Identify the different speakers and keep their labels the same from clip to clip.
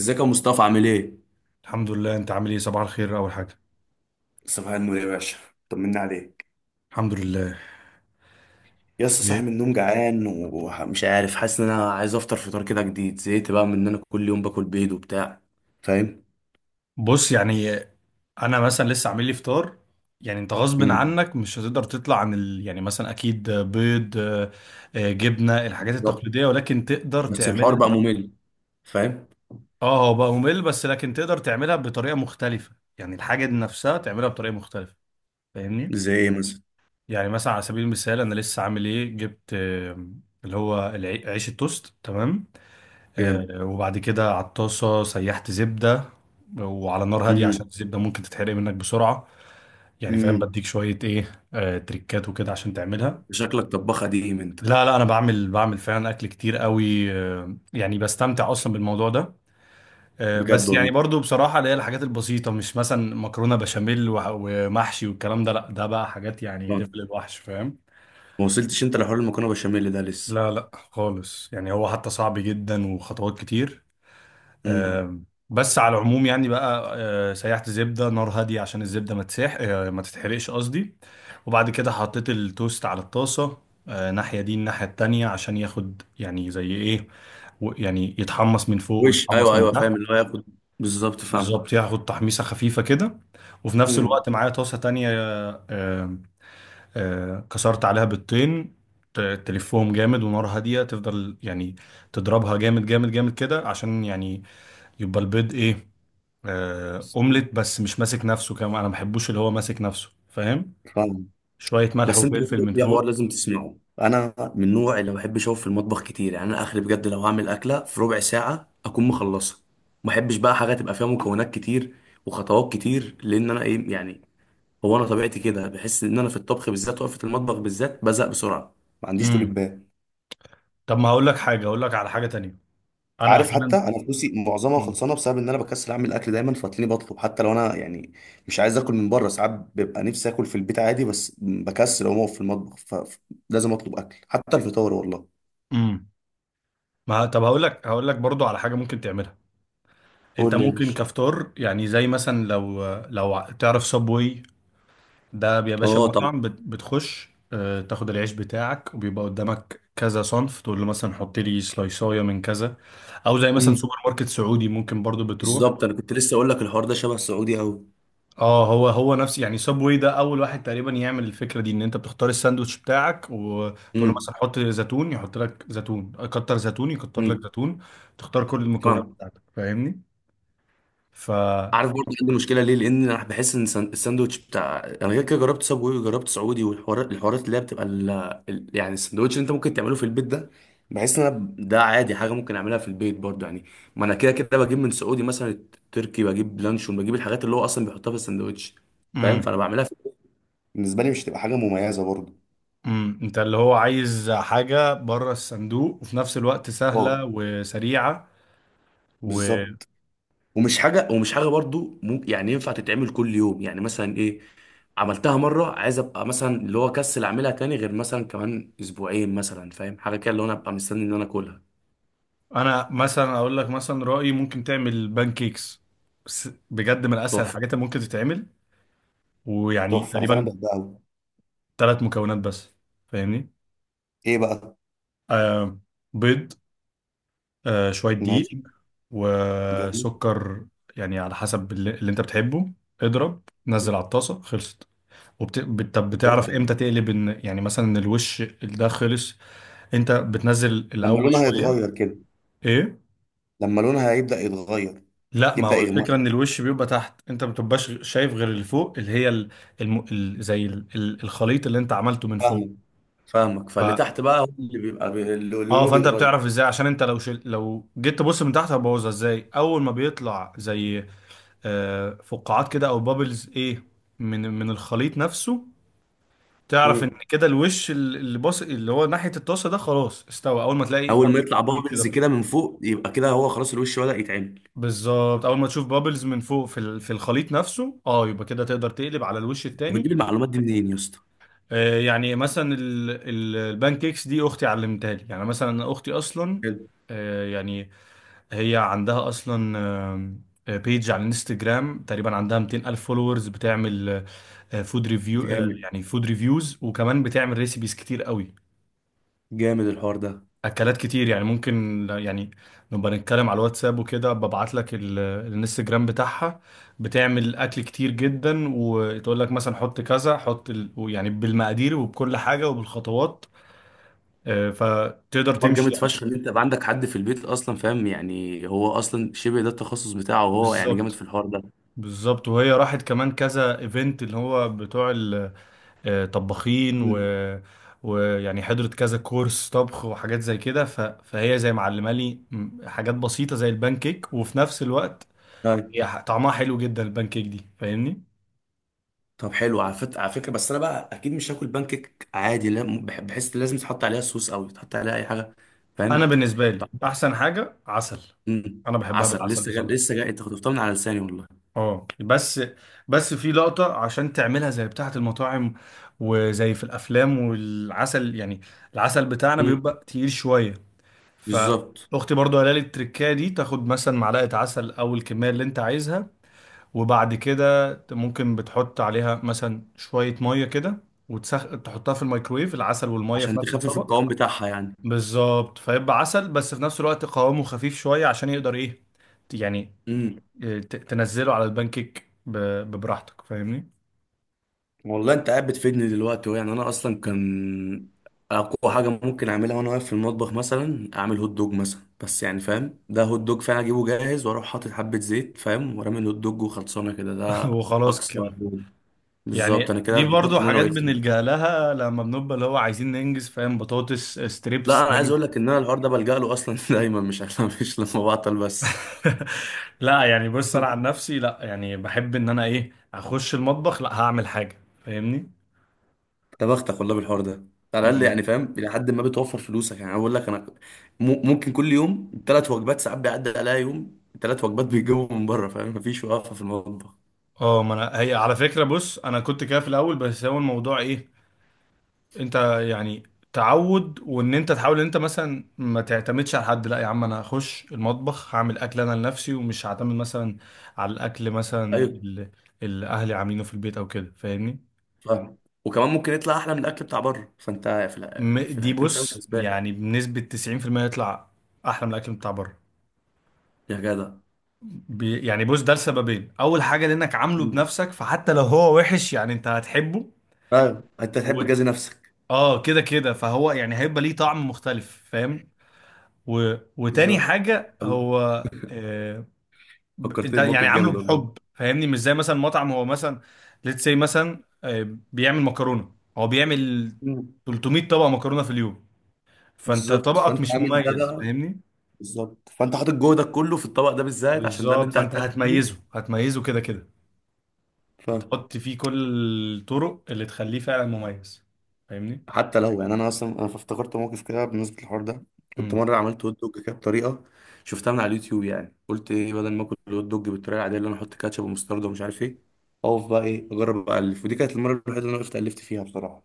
Speaker 1: ازيك يا مصطفى؟ عامل ايه؟
Speaker 2: الحمد لله، انت عامل ايه؟ صباح الخير، اول حاجه.
Speaker 1: صباح النور يا باشا. طمنا عليك.
Speaker 2: الحمد لله.
Speaker 1: يا اسطى،
Speaker 2: ايه؟
Speaker 1: صاحي من النوم جعان ومش عارف، حاسس ان انا عايز افطر فطار كده جديد. زهقت بقى من ان انا كل يوم باكل بيض وبتاع. فاهم؟
Speaker 2: بص، يعني انا مثلا لسه عامل لي فطار. يعني انت غصب
Speaker 1: امم
Speaker 2: عنك مش هتقدر تطلع عن ال... يعني مثلا اكيد بيض، جبنه، الحاجات
Speaker 1: بالظبط،
Speaker 2: التقليديه، ولكن تقدر
Speaker 1: بس الحوار
Speaker 2: تعملها.
Speaker 1: بقى ممل. فاهم؟
Speaker 2: اه، هو بقى ممل بس لكن تقدر تعملها بطريقه مختلفه، يعني الحاجه دي نفسها تعملها بطريقه مختلفه. فاهمني.
Speaker 1: زي ايه مثلا؟
Speaker 2: يعني مثلا على سبيل المثال انا لسه عامل ايه، جبت اللي هو عيش التوست، تمام.
Speaker 1: جامد.
Speaker 2: وبعد كده على الطاسة سيحت زبدة، وعلى نار هادية عشان
Speaker 1: امم
Speaker 2: الزبدة ممكن تتحرق منك بسرعة. يعني فاهم،
Speaker 1: امم
Speaker 2: بديك شوية ايه، تريكات وكده عشان تعملها.
Speaker 1: شكلك طباخ قديم انت.
Speaker 2: لا لا، انا بعمل بعمل فعلا اكل كتير قوي، يعني بستمتع اصلا بالموضوع ده.
Speaker 1: بجد
Speaker 2: بس يعني
Speaker 1: والله.
Speaker 2: برضو بصراحة، اللي هي الحاجات البسيطة، مش مثلا مكرونة بشاميل ومحشي والكلام ده. لا، ده بقى حاجات يعني
Speaker 1: آه.
Speaker 2: ليفل الوحش، فاهم.
Speaker 1: ما وصلتش انت لحوار المكرونه بشاميل ده لسه.
Speaker 2: لا لا خالص، يعني هو حتى صعب جدا وخطوات كتير.
Speaker 1: امم
Speaker 2: بس على العموم يعني بقى، سيحت زبدة نار هادية عشان الزبدة ما تسيح، ما تتحرقش قصدي. وبعد كده حطيت التوست على الطاسة، ناحية دي الناحية التانية عشان ياخد يعني زي ايه، يعني يتحمص من فوق
Speaker 1: وش
Speaker 2: ويتحمص
Speaker 1: ايوه
Speaker 2: من
Speaker 1: ايوه،
Speaker 2: تحت.
Speaker 1: فاهم اللي هو ياخد. بالظبط، فاهم.
Speaker 2: بالظبط، ياخد تحميصة خفيفة كده. وفي نفس
Speaker 1: امم
Speaker 2: الوقت معايا طاسة تانية، كسرت عليها بيضتين. ت- تلفهم جامد ونار هادية تفضل يعني، تضربها جامد جامد جامد كده عشان يعني يبقى البيض ايه، اومليت بس مش ماسك نفسه كمان. انا ما بحبوش اللي هو ماسك نفسه، فاهم.
Speaker 1: فاهم.
Speaker 2: شويه ملح
Speaker 1: بس انت
Speaker 2: وفلفل
Speaker 1: برضه
Speaker 2: من
Speaker 1: في حوار
Speaker 2: فوق.
Speaker 1: لازم تسمعه، انا من النوع اللي ما بحبش اقف في المطبخ كتير. يعني انا اخري بجد لو هعمل اكله في ربع ساعه اكون مخلصها. ما بحبش بقى حاجه تبقى فيها مكونات كتير وخطوات كتير، لان انا ايه يعني، هو انا طبيعتي كده، بحس ان انا في الطبخ بالذات، وقفه المطبخ بالذات، بزهق بسرعه. ما عنديش طول
Speaker 2: امم
Speaker 1: بال.
Speaker 2: طب ما هقول لك حاجه، هقول لك على حاجه تانية. انا
Speaker 1: عارف،
Speaker 2: احيانا.
Speaker 1: حتى انا فلوسي معظمها
Speaker 2: امم
Speaker 1: خلصانه بسبب ان انا بكسل اعمل اكل دايما، فتلاقيني بطلب حتى لو انا يعني مش عايز اكل من بره. ساعات ببقى نفسي اكل في البيت عادي، بس بكسل اقوم اقف في المطبخ، فلازم اطلب اكل حتى الفطار والله.
Speaker 2: أمم. ما طب هقول لك، هقول لك برضو على حاجه ممكن تعملها. انت
Speaker 1: قول لي يا
Speaker 2: ممكن
Speaker 1: باشا.
Speaker 2: كفطار، يعني زي مثلا، لو تعرف سبوي؟ ده يا باشا
Speaker 1: اه طب.
Speaker 2: مطعم، بتخش، تاخد العيش بتاعك وبيبقى قدامك كذا صنف، تقول له مثلا حط لي سلايصايه من كذا. او زي مثلا
Speaker 1: امم
Speaker 2: سوبر ماركت سعودي، ممكن برضو بتروح.
Speaker 1: بالظبط، انا كنت لسه اقول لك الحوار ده شبه السعودي قوي.
Speaker 2: اه هو هو نفس، يعني سابوي ده اول واحد تقريبا يعمل الفكره دي، ان انت بتختار الساندوتش بتاعك وتقول له
Speaker 1: امم
Speaker 2: مثلا حط زيتون، يحط لك زيتون، كتر زيتون، يكتر لك
Speaker 1: امم
Speaker 2: زيتون. تختار كل المكونات
Speaker 1: فاهم.
Speaker 2: بتاعتك، فاهمني. ف...
Speaker 1: عارف، برضه عندي مشكله، ليه؟ لان انا بحس ان الساندوتش بتاع انا، غير كده جربت سابوي وجربت سعودي، والحوارات، اللي هي بتبقى ال... يعني الساندوتش اللي انت ممكن تعمله في البيت ده، بحس ان انا ده عادي، حاجه ممكن اعملها في البيت برضه يعني. ما انا كده كده بجيب من سعودي مثلا تركي، بجيب لانشون، بجيب الحاجات اللي هو اصلا بيحطها في الساندوتش. فاهم؟
Speaker 2: امم
Speaker 1: فانا بعملها في... بالنسبه لي مش تبقى حاجه مميزه برضه.
Speaker 2: انت اللي هو عايز حاجه بره الصندوق وفي نفس الوقت
Speaker 1: اه
Speaker 2: سهله وسريعه. وانا
Speaker 1: بالظبط. ومش حاجه برضو ممكن يعني ينفع تتعمل كل يوم، يعني مثلا ايه، عملتها مره، عايز ابقى مثلا اللي هو كسل اعملها تاني غير مثلا كمان اسبوعين مثلا، فاهم؟ حاجه كده، اللي هو انا ابقى مستني ان انا اكلها.
Speaker 2: مثلا اقول لك مثلا رايي ممكن تعمل بانكيكس، بس بجد من اسهل
Speaker 1: تحفه.
Speaker 2: الحاجات اللي ممكن تتعمل. ويعني
Speaker 1: تحفة، أنا فعلا
Speaker 2: تقريبا
Speaker 1: بحبها أوي.
Speaker 2: ثلاث مكونات بس، فاهمني.
Speaker 1: إيه بقى؟
Speaker 2: آه، بيض، آه شوية دقيق،
Speaker 1: ماشي. جميل.
Speaker 2: وسكر. يعني على حسب اللي انت بتحبه. اضرب، نزل على الطاسة، خلصت. طب
Speaker 1: بجد
Speaker 2: بتعرف
Speaker 1: والله.
Speaker 2: امتى تقلب، ان يعني مثلا ان الوش ده خلص؟ انت بتنزل
Speaker 1: لما
Speaker 2: الاول
Speaker 1: لونها
Speaker 2: شوية
Speaker 1: يتغير كده.
Speaker 2: ايه؟
Speaker 1: لما لونها هيبدأ يتغير،
Speaker 2: لا، ما
Speaker 1: يبدأ
Speaker 2: هو
Speaker 1: يغمق.
Speaker 2: الفكرة ان الوش بيبقى تحت، انت ما بتبقاش شايف غير اللي فوق، اللي هي ال... زي ال... الخليط اللي انت عملته من فوق.
Speaker 1: فاهمك. فاهمك،
Speaker 2: ف...
Speaker 1: فاللي تحت بقى هو اللي بيبقى بي... اللي، اللي
Speaker 2: اه
Speaker 1: لونه
Speaker 2: فانت
Speaker 1: بيتغير.
Speaker 2: بتعرف ازاي، عشان انت لو جيت تبص من تحت هبوظها. ازاي؟ اول ما بيطلع زي فقاعات كده او بابلز ايه، من الخليط نفسه، تعرف ان
Speaker 1: امم
Speaker 2: كده الوش اللي باص اللي هو ناحيه الطاسه ده خلاص استوى. اول ما تلاقي
Speaker 1: اول
Speaker 2: بابلز
Speaker 1: ما يطلع
Speaker 2: كتير كده
Speaker 1: بابلز كده
Speaker 2: بتطلع.
Speaker 1: من فوق، يبقى كده هو خلاص الوش بدأ يتعمل.
Speaker 2: بالظبط، اول ما تشوف بابلز من فوق في في الخليط نفسه، اه، يبقى كده تقدر تقلب على الوش
Speaker 1: انت
Speaker 2: التاني.
Speaker 1: بتجيب المعلومات دي منين يا اسطى؟
Speaker 2: يعني مثلا البان كيكس دي اختي علمتها لي. يعني مثلا اختي اصلا،
Speaker 1: حلو.
Speaker 2: يعني هي عندها اصلا، بيج على الانستجرام، تقريبا عندها 200 الف فولورز، بتعمل فود ريفيو.
Speaker 1: جامد.
Speaker 2: يعني فود ريفيوز وكمان بتعمل ريسيبيز كتير قوي،
Speaker 1: جامد الحوار ده.
Speaker 2: اكلات كتير. يعني ممكن يعني نبقى نتكلم على الواتساب وكده، ببعت لك الانستجرام بتاعها. بتعمل اكل كتير جدا، وتقول لك مثلا حط كذا، حط ال... يعني بالمقادير وبكل حاجة وبالخطوات. فتقدر
Speaker 1: حوار
Speaker 2: تمشي
Speaker 1: جامد فشخ
Speaker 2: يعني.
Speaker 1: ان انت يبقى عندك حد في البيت اصلا، فاهم يعني؟ هو اصلا شبه ده التخصص بتاعه، وهو يعني جامد في
Speaker 2: بالظبط،
Speaker 1: الحوار ده.
Speaker 2: بالظبط. وهي راحت كمان كذا ايفنت اللي هو بتوع طباخين، و...
Speaker 1: مم.
Speaker 2: ويعني حضرت كذا كورس طبخ وحاجات زي كده. فهي زي معلمه لي حاجات بسيطه زي البان كيك، وفي نفس الوقت
Speaker 1: طيب.
Speaker 2: هي طعمها حلو جدا البان كيك دي، فاهمني.
Speaker 1: طب حلو. على على فكره، بس انا بقى اكيد مش هاكل بانكيك عادي لا، بحس لازم تحط عليها صوص او تحط عليها اي حاجه.
Speaker 2: انا
Speaker 1: فاهم؟
Speaker 2: بالنسبه لي
Speaker 1: طب.
Speaker 2: احسن حاجه عسل،
Speaker 1: مم.
Speaker 2: انا بحبها
Speaker 1: عسل،
Speaker 2: بالعسل
Speaker 1: لسه جاي
Speaker 2: بصراحه.
Speaker 1: لسه جاي، انت خطفتها من على لساني والله.
Speaker 2: اه، بس بس في لقطه عشان تعملها زي بتاعه المطاعم وزي في الافلام والعسل. يعني العسل بتاعنا
Speaker 1: مم.
Speaker 2: بيبقى تقيل شويه.
Speaker 1: بالظبط،
Speaker 2: فاختي برضو قالت لي التركايه دي، تاخد مثلا معلقه عسل او الكميه اللي انت عايزها. وبعد كده ممكن بتحط عليها مثلا شويه ميه كده تحطها في الميكرويف، العسل والميه في
Speaker 1: عشان
Speaker 2: نفس
Speaker 1: تخفف
Speaker 2: الطبق.
Speaker 1: القوام بتاعها
Speaker 2: بالظبط، فيبقى عسل بس في نفس الوقت قوامه خفيف شويه عشان يقدر ايه، يعني،
Speaker 1: يعني.
Speaker 2: إيه، تنزله على البانكيك ببراحتك فاهمني.
Speaker 1: والله انت قاعد بتفيدني دلوقتي يعني. انا اصلا كان اقوى حاجه ممكن اعملها وانا واقف في المطبخ مثلا اعمل هوت دوج مثلا. بس يعني فاهم، ده هوت دوج فعلا اجيبه جاهز واروح حاطط حبه زيت، فاهم، ورامي الهوت دوج وخلصانه كده. ده
Speaker 2: وخلاص
Speaker 1: اقصى.
Speaker 2: كده.
Speaker 1: بالظبط،
Speaker 2: يعني
Speaker 1: انا كده
Speaker 2: دي برضو
Speaker 1: اتبسطت ان انا
Speaker 2: حاجات
Speaker 1: وقفت.
Speaker 2: بنلجأ لها لما بنبقى اللي هو عايزين ننجز، فاهم. بطاطس ستريبس.
Speaker 1: لا، انا عايز اقول لك ان انا الحوار ده بلجأ له اصلا دايما، مش عشان مش لما بعطل بس.
Speaker 2: لا يعني بص، انا عن نفسي لا، يعني بحب ان انا ايه، اخش المطبخ، لا هعمل حاجه فاهمني.
Speaker 1: يا بختك والله بالحوار ده. على الاقل
Speaker 2: امم
Speaker 1: يعني فاهم، الى حد ما بتوفر فلوسك يعني. أنا بقول لك، انا ممكن كل يوم ثلاث وجبات، ساعات بيعدي عليا يوم ثلاث وجبات بيجيبوا من بره، فاهم؟ مفيش وقفه في المطبخ.
Speaker 2: اه، ما انا هي على فكره، بص انا كنت كده في الاول بس هو الموضوع ايه، انت يعني تعود وان انت تحاول ان انت مثلا ما تعتمدش على حد. لا يا عم، انا هخش المطبخ هعمل اكل انا لنفسي، ومش هعتمد مثلا على الاكل مثلا
Speaker 1: ايوه
Speaker 2: اللي اهلي عاملينه في البيت او كده فاهمني.
Speaker 1: فاهم. وكمان ممكن يطلع احلى من الاكل بتاع بره، فانت في في
Speaker 2: دي
Speaker 1: الحالتين فاهم
Speaker 2: بص
Speaker 1: كسبان.
Speaker 2: يعني بنسبه 90% يطلع احلى من الاكل بتاع بره.
Speaker 1: يا جدع.
Speaker 2: يعني بص، ده لسببين. اول حاجه لانك عامله
Speaker 1: مم.
Speaker 2: بنفسك، فحتى لو هو وحش يعني انت هتحبه.
Speaker 1: ايوه، انت
Speaker 2: و...
Speaker 1: تحب تجازي نفسك.
Speaker 2: اه كده كده، فهو يعني هيبقى ليه طعم مختلف فاهم. وتاني
Speaker 1: بالظبط.
Speaker 2: حاجه
Speaker 1: الله.
Speaker 2: هو، آه... انت
Speaker 1: فكرتني
Speaker 2: يعني
Speaker 1: بموقف
Speaker 2: عامله
Speaker 1: جامد والله.
Speaker 2: بحب، فاهمني. مش زي مثلا مطعم، هو مثلا ليتس سي مثلا بيعمل مكرونه، هو بيعمل
Speaker 1: مم.
Speaker 2: 300 طبق مكرونه في اليوم، فانت
Speaker 1: بالظبط،
Speaker 2: طبقك
Speaker 1: فانت
Speaker 2: مش
Speaker 1: عامل
Speaker 2: مميز،
Speaker 1: ده.
Speaker 2: فاهمني.
Speaker 1: بالظبط، فانت حاطط جهدك كله في الطبق ده بالذات عشان ده اللي
Speaker 2: بالظبط،
Speaker 1: انت
Speaker 2: فانت
Speaker 1: هتاكله.
Speaker 2: هتميزه هتميزه كده كده، هتحط فيه كل الطرق اللي تخليه فعلا مميز، فاهمني.
Speaker 1: حتى لو يعني، انا اصلا انا افتكرت موقف كده بالنسبه للحوار ده. كنت
Speaker 2: امم
Speaker 1: مره عملت هوت دوج كده بطريقه شفتها من على اليوتيوب. يعني قلت ايه، بدل ما اكل الهوت دوج بالطريقه العاديه، اللي انا احط كاتشب ومستردة ومش عارف ايه، اقف بقى ايه اجرب الف. ودي كانت المره الوحيده اللي انا وقفت الفت فيها بصراحه.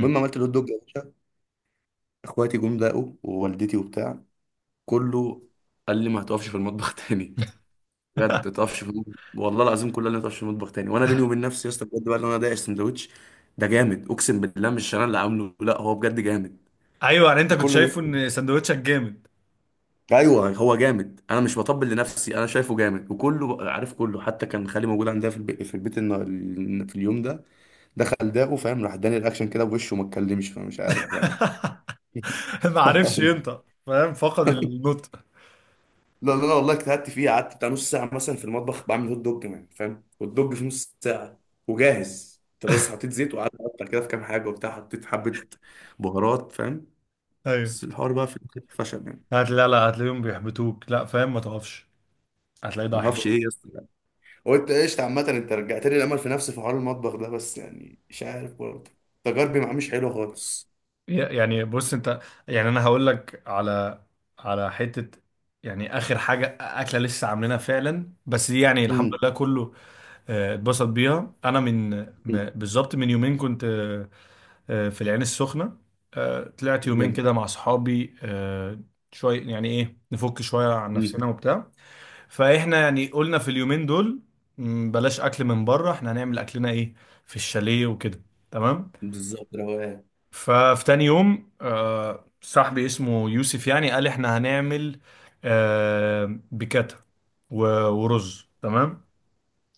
Speaker 1: المهم عملت الهوت دوج يا باشا، اخواتي جم دقوا، ووالدتي وبتاع، كله قال لي ما هتقفش في المطبخ تاني. بجد، ما تقفش في المطبخ والله العظيم، كله قال لي ما تقفش في المطبخ تاني. وانا بيني وبين نفسي يا اسطى بجد بقى، اللي انا دايق السندوتش ده جامد، اقسم بالله مش انا اللي عامله، لا هو بجد جامد.
Speaker 2: ايوه، يعني انت كنت
Speaker 1: وكله،
Speaker 2: شايفه ان سندوتشك جامد.
Speaker 1: ايوه هو جامد. انا مش بطبل لنفسي، انا شايفه جامد، وكله عارف كله، حتى كان خالي موجود عندها في البيت، في اليوم ده، دخل داقه فاهم، راح اداني الاكشن كده بوشه وما اتكلمش، فمش عارف بقى.
Speaker 2: ما عرفش ينطق فاهم، فقد النطق.
Speaker 1: لا لا لا والله اجتهدت فيه، قعدت بتاع نص ساعه مثلا في المطبخ بعمل هوت دوج، كمان فاهم، هوت دوج في نص ساعه وجاهز. انت بس حطيت زيت وقعدت اقطع كده في كام حاجه وبتاع، حطيت حبه بهارات فاهم.
Speaker 2: ايوه،
Speaker 1: بس الحوار بقى في الآخر فشل يعني.
Speaker 2: لا لا، هتلاقيهم بيحبطوك، لا فاهم. ما تقفش، هتلاقي ده
Speaker 1: ما اعرفش
Speaker 2: احباط.
Speaker 1: ايه يا اسطى. قلت قشطة. عامة انت رجعت لي الامل في نفسي في حوار المطبخ ده، بس يعني مش عارف برضه، تجاربي معاه مش حلوة خالص.
Speaker 2: يعني بص انت، يعني انا هقول لك على، على حته يعني، اخر حاجه اكله لسه عاملينها فعلا بس دي يعني الحمد
Speaker 1: امم
Speaker 2: لله كله اتبسط بيها. انا من
Speaker 1: أمم.
Speaker 2: بالظبط من يومين كنت، في العين السخنة، طلعت يومين
Speaker 1: جامد.
Speaker 2: كده مع صحابي، شوية يعني ايه نفك شوية عن نفسنا
Speaker 1: امم
Speaker 2: وبتاع. فاحنا يعني قلنا في اليومين دول بلاش اكل من بره، احنا هنعمل اكلنا ايه في الشاليه وكده، تمام.
Speaker 1: بالظبط روقان.
Speaker 2: ففي تاني يوم صاحبي اسمه يوسف يعني قال احنا هنعمل بكاتا ورز، تمام.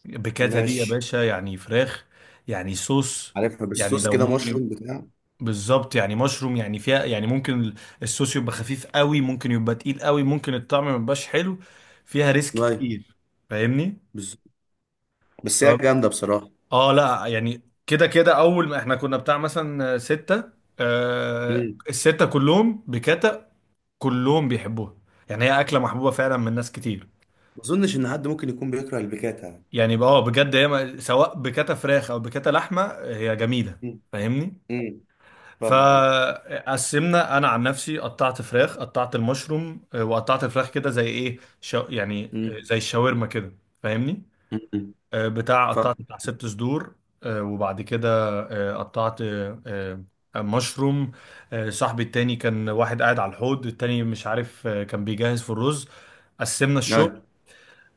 Speaker 2: بكاتا دي يا
Speaker 1: ماشي.
Speaker 2: باشا يعني فراخ، يعني صوص،
Speaker 1: عارفها،
Speaker 2: يعني
Speaker 1: بالصوص
Speaker 2: لو
Speaker 1: كده،
Speaker 2: ممكن.
Speaker 1: مشروم بتاع
Speaker 2: بالظبط، يعني مشروم يعني فيها، يعني ممكن الصوص يبقى خفيف قوي، ممكن يبقى تقيل قوي، ممكن الطعم ما يبقاش حلو، فيها ريسك
Speaker 1: ايوه.
Speaker 2: كتير فاهمني.
Speaker 1: بالظبط.
Speaker 2: ف
Speaker 1: بس هي جامده بصراحه.
Speaker 2: اه لا، يعني كده كده اول ما احنا كنا بتاع مثلا ستة، آه
Speaker 1: امم
Speaker 2: الستة كلهم بكتا، كلهم بيحبوها. يعني هي اكلة محبوبة فعلا من ناس كتير.
Speaker 1: ما اظنش ان حد ممكن يكون بيكره البيكاتا يعني.
Speaker 2: يعني بقى اه بجد، هي سواء بكتا فراخ او بكتا لحمة هي جميلة
Speaker 1: امم
Speaker 2: فاهمني.
Speaker 1: امم فاهم.
Speaker 2: فقسمنا، انا عن نفسي قطعت فراخ، قطعت المشروم، وقطعت الفراخ كده زي ايه يعني
Speaker 1: امم
Speaker 2: زي الشاورما كده فاهمني.
Speaker 1: امم
Speaker 2: بتاع
Speaker 1: فاهم.
Speaker 2: قطعت بتاع ست صدور. وبعد كده قطعت مشروم. صاحبي التاني كان واحد قاعد على الحوض التاني مش عارف، كان بيجهز في الرز، قسمنا الشغل.
Speaker 1: ايوه.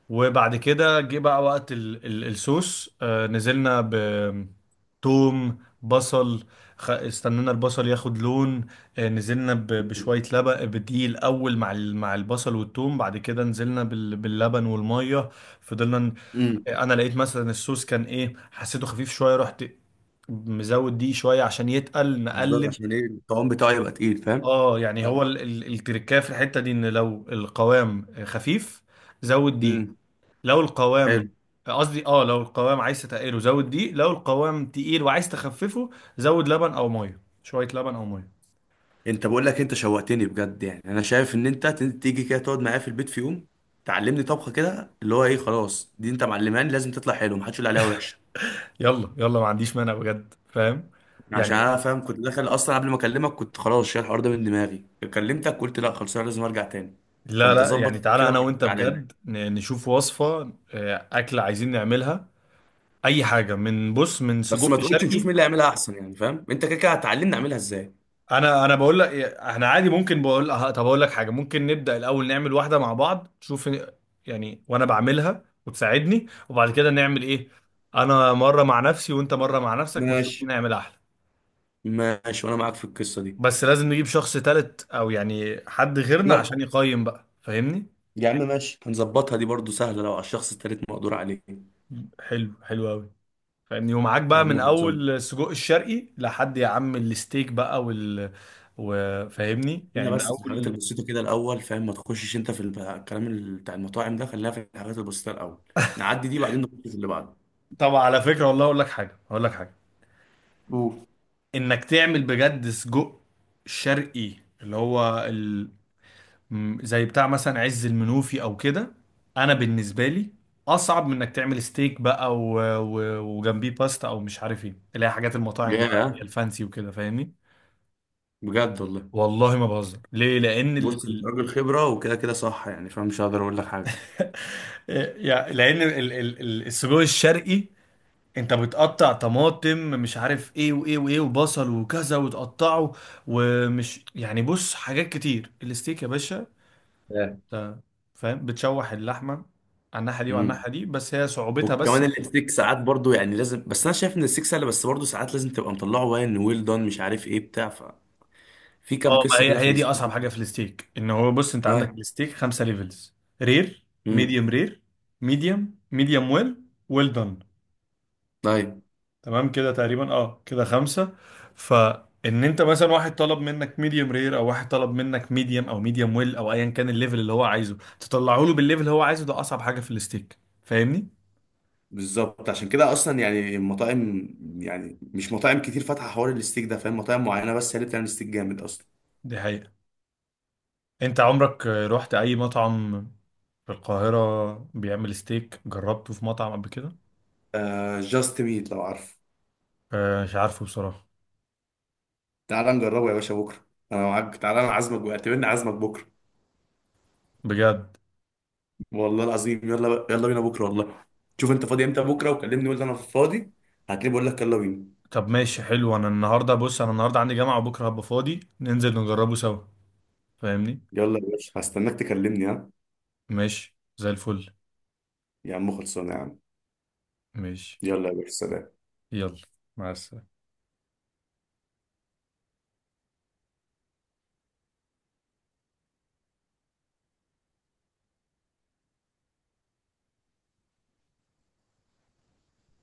Speaker 2: وبعد كده جه بقى وقت الصوص، آه نزلنا ب... توم، بصل، استنينا البصل ياخد لون. آه نزلنا
Speaker 1: امم
Speaker 2: بشوية لبن بدقيق الأول، مع مع البصل والتوم، بعد كده نزلنا باللبن والمية، فضلنا
Speaker 1: امم
Speaker 2: أنا لقيت مثلا الصوص كان إيه، حسيته خفيف شوية، رحت مزود دي شوية عشان يتقل
Speaker 1: بالظبط،
Speaker 2: نقلب.
Speaker 1: عشان ايه الطعام بتاعه يبقى تقيل فاهم.
Speaker 2: اه، يعني هو
Speaker 1: أيوة.
Speaker 2: التركايه في الحتة دي، ان لو القوام خفيف زود دي،
Speaker 1: امم
Speaker 2: لو
Speaker 1: حلو.
Speaker 2: القوام، قصدي اه، لو القوام عايز تقله زود دقيق، لو القوام تقيل وعايز تخففه زود لبن او ميه، شويه لبن او ميه.
Speaker 1: انت بقول لك انت شوقتني بجد، يعني انا شايف ان انت تيجي كده تقعد معايا في البيت في يوم تعلمني طبخه كده، اللي هو ايه، خلاص دي انت معلماني لازم تطلع حلو، محدش يقول عليها وحشه.
Speaker 2: يلا يلا، ما عنديش مانع بجد فاهم.
Speaker 1: عشان
Speaker 2: يعني
Speaker 1: انا فاهم كنت داخل اصلا قبل ما اكلمك كنت خلاص شايل الحوار ده من دماغي. كلمتك قلت لا خلاص انا لازم ارجع تاني.
Speaker 2: لا
Speaker 1: فانت
Speaker 2: لا، يعني
Speaker 1: ظبط
Speaker 2: تعالى
Speaker 1: كده،
Speaker 2: انا
Speaker 1: معاك،
Speaker 2: وانت
Speaker 1: تعالى لي.
Speaker 2: بجد نشوف وصفه، اكله عايزين نعملها، اي حاجه من بص من
Speaker 1: بس
Speaker 2: سجق
Speaker 1: ما تقولش نشوف مين
Speaker 2: شرقي.
Speaker 1: اللي هيعملها احسن، يعني فاهم انت كده كده هتعلمني اعملها ازاي.
Speaker 2: انا بقول لك احنا عادي ممكن بقول أه، طب اقول لك حاجه، ممكن نبدا الاول نعمل واحده مع بعض تشوف يعني، وانا بعملها وتساعدني، وبعد كده نعمل ايه، انا مره مع نفسي وانت مره مع نفسك، ونشوف
Speaker 1: ماشي.
Speaker 2: مين هيعمل احلى.
Speaker 1: ماشي، وانا معاك في القصه دي.
Speaker 2: بس لازم نجيب شخص تالت او يعني حد غيرنا
Speaker 1: يحكم.
Speaker 2: عشان يقيم بقى فاهمني.
Speaker 1: يا عم ماشي، هنظبطها. دي برضو سهله، لو على الشخص التالت مقدور عليه.
Speaker 2: حلو حلو قوي فاهمني. ومعاك
Speaker 1: يا
Speaker 2: بقى
Speaker 1: عم
Speaker 2: من
Speaker 1: خلصان.
Speaker 2: اول السجق الشرقي لحد يا عم الستيك بقى وفاهمني
Speaker 1: هي
Speaker 2: يعني من
Speaker 1: بس في الحاجات
Speaker 2: اول.
Speaker 1: البسيطة كده الأول، فاهم، ما تخشش أنت في الكلام بتاع المطاعم ده، خلينا في الحاجات البسيطة الأول، نعدي دي بعدين نخش في اللي بعده.
Speaker 2: طب على فكره، والله اقول لك حاجه، اقول لك حاجه،
Speaker 1: قول.
Speaker 2: انك تعمل بجد سجق شرقي، اللي هو ال... زي بتاع مثلا عز المنوفي او كده، انا بالنسبه لي اصعب من انك تعمل ستيك بقى وجنبيه باستا او مش عارف ايه اللي هي حاجات المطاعم بقى اللي هي
Speaker 1: ياه.
Speaker 2: الفانسي وكده فاهمني.
Speaker 1: بجد والله.
Speaker 2: والله ما بهزر، ليه؟ لان ال...
Speaker 1: بص، أنت
Speaker 2: ال...
Speaker 1: راجل خبرة وكده كده صح يعني فاهم، مش هقدر أقول لك حاجة.
Speaker 2: يعني لان ال... ال... السجق الشرقي انت بتقطع طماطم مش عارف ايه وايه وايه وبصل وكذا وتقطعه. ومش يعني بص حاجات كتير. الستيك يا باشا
Speaker 1: آه.
Speaker 2: ت- فاهم بتشوح اللحمه على الناحيه دي وعلى
Speaker 1: امم
Speaker 2: الناحيه دي، بس هي صعوبتها بس
Speaker 1: وكمان
Speaker 2: انك...
Speaker 1: الاستيك ساعات برضو يعني لازم، بس أنا شايف إن الاستيك سهل، بس برضو ساعات لازم تبقى مطلعه وين ويل دون مش عارف إيه بتاع، ففي
Speaker 2: اه
Speaker 1: كام
Speaker 2: ما
Speaker 1: قصة كده
Speaker 2: هي
Speaker 1: في
Speaker 2: هي دي
Speaker 1: الاستيك.
Speaker 2: اصعب حاجه في الستيك. ان هو بص انت عندك
Speaker 1: طيب.
Speaker 2: الستيك خمسه ليفلز: رير،
Speaker 1: امم
Speaker 2: ميديوم رير، ميديوم، ميديوم ويل، ويل دون،
Speaker 1: طيب.
Speaker 2: تمام كده تقريبا، اه كده خمسه. فان انت مثلا واحد طلب منك ميديوم رير او واحد طلب منك ميديوم او ميديوم ويل او ايا كان الليفل اللي هو عايزه، تطلعه له بالليفل اللي هو عايزه، ده اصعب حاجه في الستيك فاهمني.
Speaker 1: بالظبط، عشان كده اصلا يعني المطاعم، يعني مش مطاعم كتير فاتحه حوار الستيك ده، فاهم، مطاعم معينه بس هي اللي بتعمل ستيك جامد اصلا.
Speaker 2: دي حقيقه. انت عمرك رحت اي مطعم في القاهرة بيعمل ستيك، جربته في مطعم قبل كده؟
Speaker 1: آه، جاست ميت لو عارف.
Speaker 2: آه مش عارفه بصراحة.
Speaker 1: تعالى نجربه يا باشا بكره. انا معاك، تعالى، انا عازمك بقى، اعتبرني عازمك بكره.
Speaker 2: بجد.
Speaker 1: والله العظيم، يلا بقى، يلا بينا بكره والله. شوف انت فاضي امتى بكره وكلمني، قول لي انا فاضي، هتلاقيني بقول لك يلا بينا.
Speaker 2: طب ماشي حلو، انا النهاردة بص انا النهاردة عندي جامعة، وبكرة هبقى فاضي ننزل نجربه سوا فاهمني.
Speaker 1: يلا يا باشا، هستناك تكلمني. ها،
Speaker 2: ماشي زي الفل.
Speaker 1: يا عم خلصانه يا عم.
Speaker 2: ماشي.
Speaker 1: يلا يا باشا، سلام.
Speaker 2: يلا مع السلامة.